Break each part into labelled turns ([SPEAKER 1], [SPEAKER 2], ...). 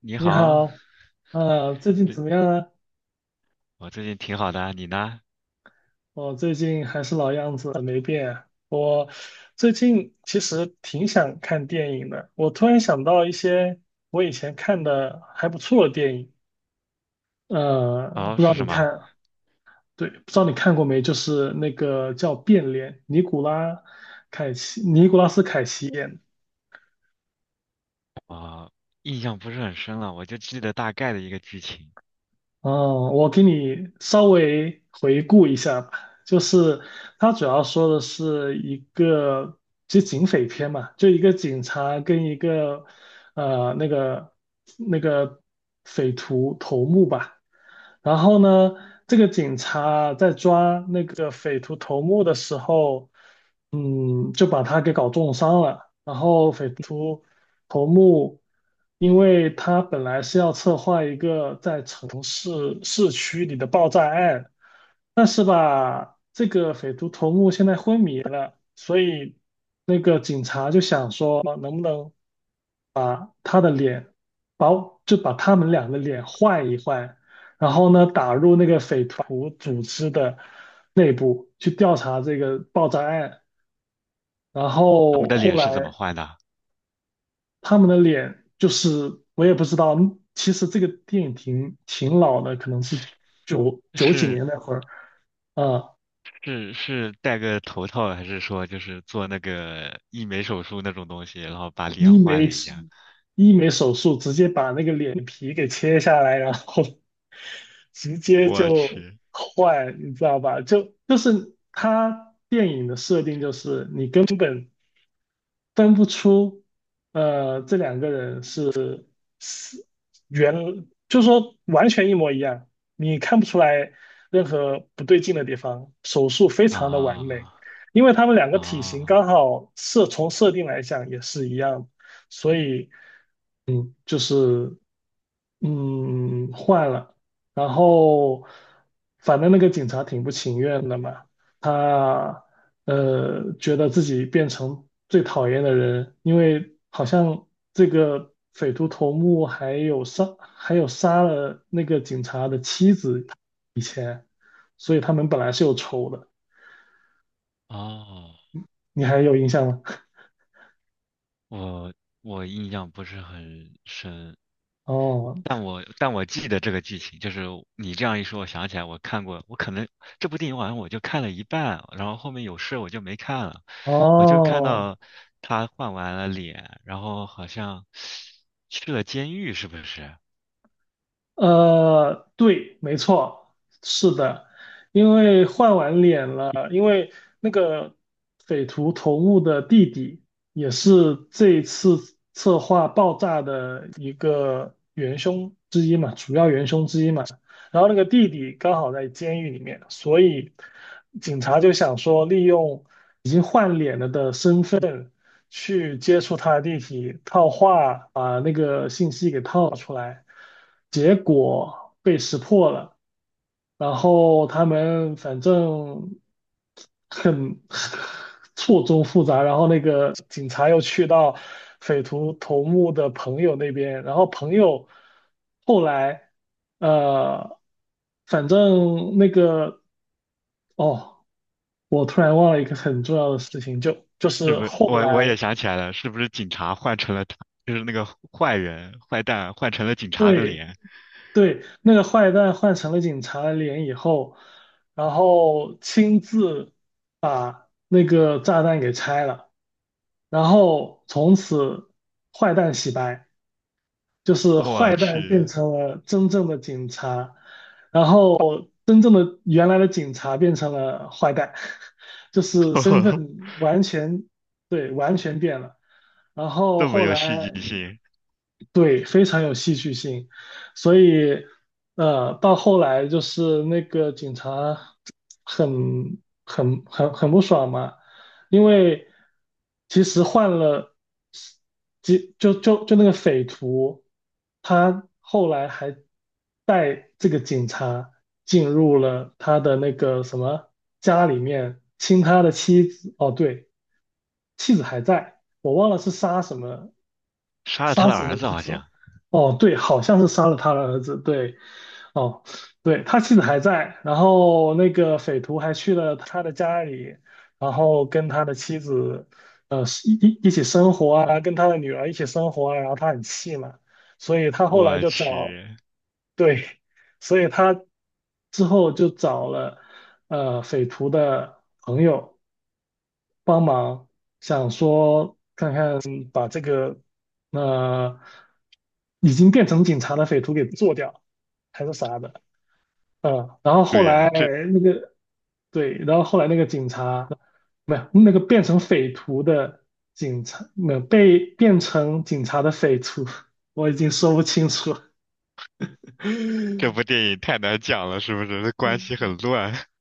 [SPEAKER 1] 你
[SPEAKER 2] 你
[SPEAKER 1] 好。
[SPEAKER 2] 好，啊，最近
[SPEAKER 1] 对，
[SPEAKER 2] 怎么样啊？
[SPEAKER 1] 我最近挺好的啊，你呢？
[SPEAKER 2] 我最近还是老样子，没变。我最近其实挺想看电影的，我突然想到一些我以前看的还不错的电影，
[SPEAKER 1] 哦，
[SPEAKER 2] 不知道
[SPEAKER 1] 是什
[SPEAKER 2] 你
[SPEAKER 1] 么？
[SPEAKER 2] 看，对，不知道你看过没？就是那个叫《变脸》，尼古拉斯凯奇演的。
[SPEAKER 1] 哦，印象不是很深了，我就记得大概的一个剧情。
[SPEAKER 2] 哦，我给你稍微回顾一下吧，就是它主要说的是一个，就警匪片嘛，就一个警察跟一个呃那个那个匪徒头目吧，然后呢，这个警察在抓那个匪徒头目的时候，就把他给搞重伤了。然后匪徒头目，因为他本来是要策划一个在城市市区里的爆炸案，但是吧，这个匪徒头目现在昏迷了，所以那个警察就想说，啊能不能把他的脸，把就把他们俩的脸换一换，然后呢，打入那个匪徒组织的内部去调查这个爆炸案。然
[SPEAKER 1] 他们
[SPEAKER 2] 后
[SPEAKER 1] 的
[SPEAKER 2] 后
[SPEAKER 1] 脸是怎么
[SPEAKER 2] 来
[SPEAKER 1] 换的？
[SPEAKER 2] 他们的脸就是我也不知道，其实这个电影挺老的，可能是九九几
[SPEAKER 1] 是
[SPEAKER 2] 年那会儿啊，
[SPEAKER 1] 是戴个头套，还是说就是做那个医美手术那种东西，然后把脸
[SPEAKER 2] 医
[SPEAKER 1] 换
[SPEAKER 2] 美
[SPEAKER 1] 了一下？
[SPEAKER 2] 医美手术直接把那个脸皮给切下来，然后直接
[SPEAKER 1] 我
[SPEAKER 2] 就
[SPEAKER 1] 去。
[SPEAKER 2] 坏，你知道吧？就是他电影的设定就是你根本分不出这两个人。是。原就是说完全一模一样，你看不出来任何不对劲的地方，手术非
[SPEAKER 1] 啊
[SPEAKER 2] 常的完美，因为他们两个
[SPEAKER 1] 啊。
[SPEAKER 2] 体型
[SPEAKER 1] 哦，
[SPEAKER 2] 刚好从设定来讲也是一样，所以就是换了，然后反正那个警察挺不情愿的嘛，他觉得自己变成最讨厌的人，因为好像这个匪徒头目还有杀了那个警察的妻子，所以他们本来是有仇的，
[SPEAKER 1] 哦
[SPEAKER 2] 你还有印象吗？
[SPEAKER 1] 我我印象不是很深，
[SPEAKER 2] 哦
[SPEAKER 1] 但我记得这个剧情，就是你这样一说，我想起来我看过，我可能这部电影好像我就看了一半，然后后面有事我就没看了，我就看
[SPEAKER 2] 哦
[SPEAKER 1] 到他换完了脸，然后好像去了监狱，是不是？
[SPEAKER 2] 对，没错，是的，因为换完脸了，因为那个匪徒头目的弟弟也是这次策划爆炸的一个元凶之一嘛，主要元凶之一嘛。然后那个弟弟刚好在监狱里面，所以警察就想说利用已经换脸了的身份，去接触他的地体，套话把那个信息给套出来，结果被识破了。然后他们反正很 错综复杂，然后那个警察又去到匪徒头目的朋友那边，然后朋友后来呃，反正那个哦，我突然忘了一个很重要的事情，就就
[SPEAKER 1] 是
[SPEAKER 2] 是
[SPEAKER 1] 不是？
[SPEAKER 2] 后
[SPEAKER 1] 我我
[SPEAKER 2] 来。
[SPEAKER 1] 也想起来了，是不是警察换成了他，就是那个坏人坏蛋换成了警察的
[SPEAKER 2] 对，
[SPEAKER 1] 脸？
[SPEAKER 2] 对，那个坏蛋换成了警察的脸以后，然后亲自把那个炸弹给拆了，然后从此坏蛋洗白，就是
[SPEAKER 1] 我
[SPEAKER 2] 坏蛋变
[SPEAKER 1] 去。
[SPEAKER 2] 成了真正的警察，然后真正的原来的警察变成了坏蛋，就是身 份完全，对，完全变了。然后
[SPEAKER 1] 这么
[SPEAKER 2] 后
[SPEAKER 1] 有
[SPEAKER 2] 来
[SPEAKER 1] 戏剧性。
[SPEAKER 2] 对，非常有戏剧性，所以，到后来就是那个警察很不爽嘛，因为其实换了，几就就就那个匪徒，他后来还带这个警察进入了他的那个什么家里面，亲他的妻子，哦，对，妻子还在，我忘了是杀什么
[SPEAKER 1] 杀了他
[SPEAKER 2] 杀
[SPEAKER 1] 的
[SPEAKER 2] 死
[SPEAKER 1] 儿
[SPEAKER 2] 了
[SPEAKER 1] 子
[SPEAKER 2] 侄
[SPEAKER 1] 好
[SPEAKER 2] 子。
[SPEAKER 1] 像。
[SPEAKER 2] 哦，对，好像是杀了他的儿子。对，哦，对，他妻子还在，然后那个匪徒还去了他的家里，然后跟他的妻子，呃，一起生活啊，跟他的女儿一起生活啊，然后他很气嘛，所以他后来
[SPEAKER 1] 我
[SPEAKER 2] 就找，
[SPEAKER 1] 去。
[SPEAKER 2] 对，所以他之后就找了，匪徒的朋友帮忙，想说把这个呃已经变成警察的匪徒给做掉，还是啥的，然后后
[SPEAKER 1] 对呀、
[SPEAKER 2] 来
[SPEAKER 1] 这。
[SPEAKER 2] 那个对，然后后来那个警察没有那个变成匪徒的警察，没有被变成警察的匪徒，我已经说不清楚了。
[SPEAKER 1] 这 部电影太难讲了，是不是？关系很乱。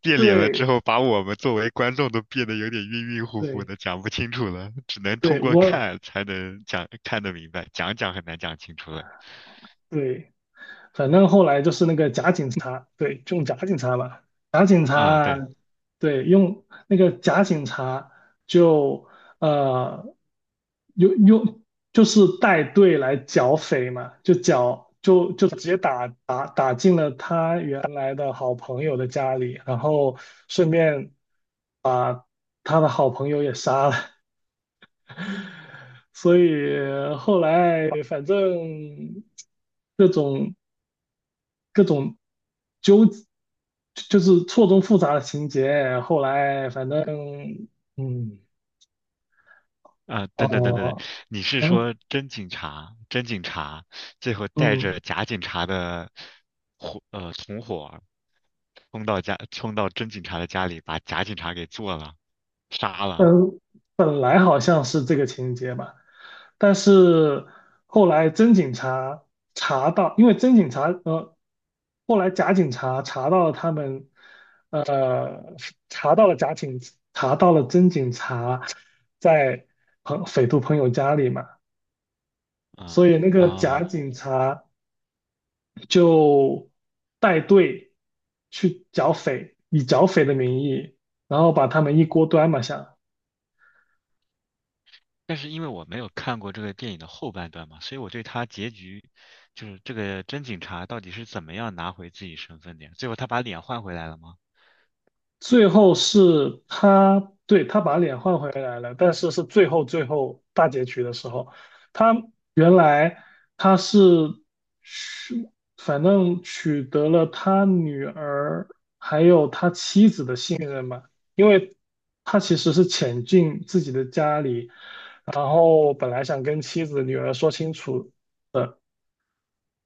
[SPEAKER 1] 变脸了之
[SPEAKER 2] 对
[SPEAKER 1] 后，把我们作为观众都变得有点晕晕乎乎
[SPEAKER 2] 对
[SPEAKER 1] 的，讲不清楚了，只能
[SPEAKER 2] 对，
[SPEAKER 1] 通过
[SPEAKER 2] 我
[SPEAKER 1] 看才能讲，看得明白，讲讲很难讲清楚了。
[SPEAKER 2] 对。反正后来就是那个假警察，对，用假警察嘛，假警
[SPEAKER 1] 啊，
[SPEAKER 2] 察，
[SPEAKER 1] 对。
[SPEAKER 2] 对，用那个假警察就呃用就是带队来剿匪嘛，就直接打进了他原来的好朋友的家里，然后顺便把他的好朋友也杀了，所以后来反正。各种各种纠，就是错综复杂的情节。后来反正，嗯，
[SPEAKER 1] 啊，等等，
[SPEAKER 2] 哦，
[SPEAKER 1] 你是
[SPEAKER 2] 嗯
[SPEAKER 1] 说真警察，真警察最后带
[SPEAKER 2] 嗯，
[SPEAKER 1] 着假警察的伙，同伙儿冲到家，冲到真警察的家里，把假警察给做了，杀了。
[SPEAKER 2] 本本来好像是这个情节吧，但是后来真警察查到，因为真警察后来假警察查到了他们，呃，查到了假警，查到了真警察在匪徒朋友家里嘛。
[SPEAKER 1] 啊。
[SPEAKER 2] 所以那个假
[SPEAKER 1] 啊！
[SPEAKER 2] 警察就带队去剿匪，以剿匪的名义，然后把他们一锅端嘛下。
[SPEAKER 1] 但是因为我没有看过这个电影的后半段嘛，所以我对他结局，就是这个真警察到底是怎么样拿回自己身份的呀？最后他把脸换回来了吗？
[SPEAKER 2] 最后是他，对，他把脸换回来了，但是最后最后大结局的时候，他原来他是取，反正取得了他女儿信任嘛，因为他其实是潜进自己的家里，然后本来想跟妻子女儿说清楚的。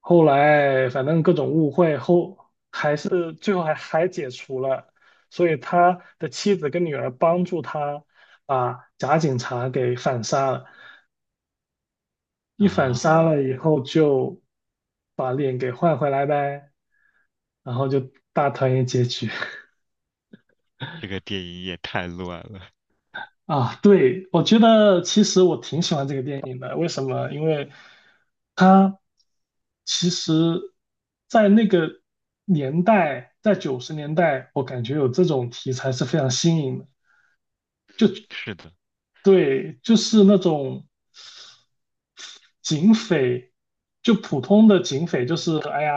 [SPEAKER 2] 后来反正各种误会后，还是最后还解除了，所以他的妻子跟女儿帮助他把假警察给反杀了，一反杀
[SPEAKER 1] 啊，
[SPEAKER 2] 了以后就把脸给换回来呗，然后就大团圆结局。
[SPEAKER 1] 这个电影也太乱了。
[SPEAKER 2] 啊，对，我觉得其实我挺喜欢这个电影的。为什么？因为它其实，在那个年代，在九十年代，我感觉有这种题材是非常新颖的。就
[SPEAKER 1] 是的。
[SPEAKER 2] 对，就是那种警匪，就普通的警匪，就是哎呀，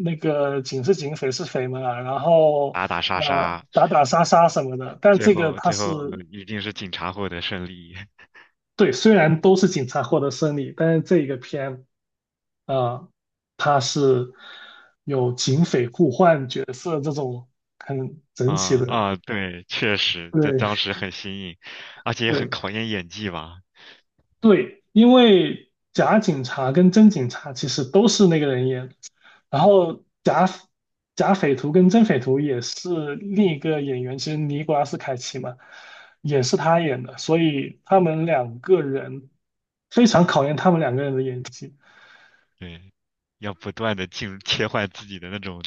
[SPEAKER 2] 那个警是警，匪是匪嘛，然后
[SPEAKER 1] 打打杀杀。
[SPEAKER 2] 打打杀杀什么的。但
[SPEAKER 1] 最
[SPEAKER 2] 这个
[SPEAKER 1] 后
[SPEAKER 2] 它
[SPEAKER 1] 最后
[SPEAKER 2] 是
[SPEAKER 1] 一定是警察获得胜利。
[SPEAKER 2] 对，虽然都是警察获得胜利，但是这一个片。啊，他是有警匪互换角色这种很整体
[SPEAKER 1] 啊
[SPEAKER 2] 的，
[SPEAKER 1] 啊，对，确实，这
[SPEAKER 2] 对
[SPEAKER 1] 当时 很新颖，而且也很
[SPEAKER 2] 对
[SPEAKER 1] 考验演技吧。
[SPEAKER 2] 对，因为假警察跟真警察其实都是那个人演的，然后假匪徒跟真匪徒也是另一个演员，其实尼古拉斯凯奇嘛，也是他演的，所以他们两个人非常考验他们两个人的演技。
[SPEAKER 1] 对，要不断的进入切换自己的那种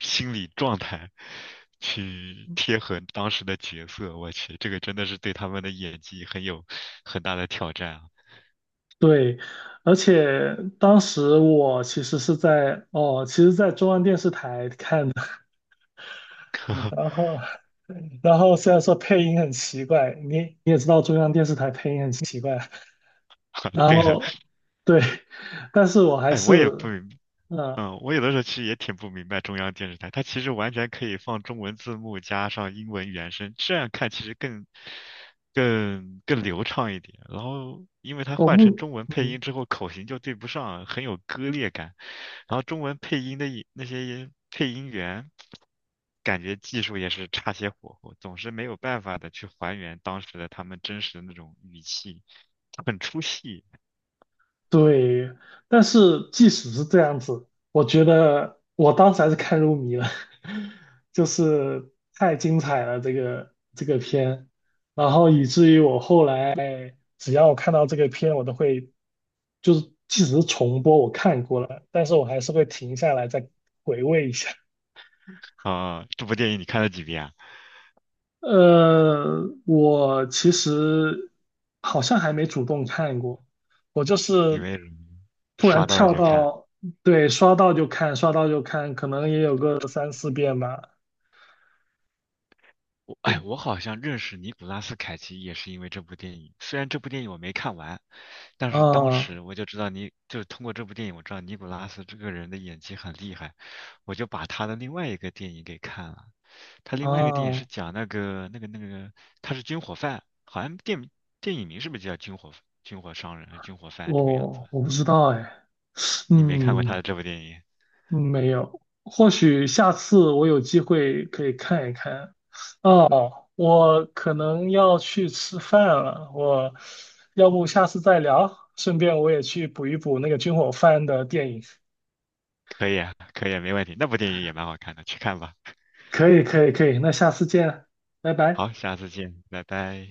[SPEAKER 1] 心理状态，去贴合当时的角色。我去，这个真的是对他们的演技很有很大的挑战啊！
[SPEAKER 2] 对，而且当时我其实是在哦，其实，在中央电视台看的，然 后，然后，虽然说配音很奇怪，你也知道中央电视台配音很奇怪，然
[SPEAKER 1] 对的。
[SPEAKER 2] 后对，但是我还
[SPEAKER 1] 哎，
[SPEAKER 2] 是，
[SPEAKER 1] 我也不明
[SPEAKER 2] 呃，
[SPEAKER 1] 嗯，我有的时候其实也挺不明白中央电视台，它其实完全可以放中文字幕加上英文原声，这样看其实更流畅一点。然后，因为它
[SPEAKER 2] 我
[SPEAKER 1] 换成
[SPEAKER 2] 不，
[SPEAKER 1] 中文配
[SPEAKER 2] 嗯，
[SPEAKER 1] 音之后，口型就对不上，很有割裂感。然后中文配音的也那些配音员，感觉技术也是差些火候，总是没有办法的去还原当时的他们真实的那种语气，很出戏。
[SPEAKER 2] 对，但是即使是这样子，我觉得我当时还是看入迷了，就是太精彩了这个片，然后以至于我后来只要我看到这个片，我都会就是即使是重播我看过了，但是我还是会停下来再回味一下。
[SPEAKER 1] 啊，这部电影你看了几遍啊？
[SPEAKER 2] 我其实好像还没主动看过，我就
[SPEAKER 1] 李
[SPEAKER 2] 是
[SPEAKER 1] 维鲁
[SPEAKER 2] 突
[SPEAKER 1] 刷
[SPEAKER 2] 然
[SPEAKER 1] 到了
[SPEAKER 2] 跳
[SPEAKER 1] 就看。
[SPEAKER 2] 到，对，刷到就看，刷到就看，可能也有个三四遍吧。
[SPEAKER 1] 我哎，
[SPEAKER 2] 对，
[SPEAKER 1] 我好像认识尼古拉斯凯奇也是因为这部电影。虽然这部电影我没看完，但是当
[SPEAKER 2] 啊
[SPEAKER 1] 时我就知道就是通过这部电影我知道尼古拉斯这个人的演技很厉害，我就把他的另外一个电影给看了。他另外一个电影是
[SPEAKER 2] 啊，
[SPEAKER 1] 讲那个，他是军火贩，好像电影名是不是就叫军火商人、军火贩这个样子的？
[SPEAKER 2] 我不知道哎，
[SPEAKER 1] 你没看过他
[SPEAKER 2] 嗯，
[SPEAKER 1] 的这部电影？
[SPEAKER 2] 没有，或许下次我有机会可以看一看。哦，我可能要去吃饭了，我要不下次再聊，顺便我也去补一补那个军火贩的电影。
[SPEAKER 1] 可以啊，可以啊，没问题。那部电影也蛮好看的，去看吧。
[SPEAKER 2] 可以，可以，可以，那下次见，拜拜。
[SPEAKER 1] 好，下次见，拜拜。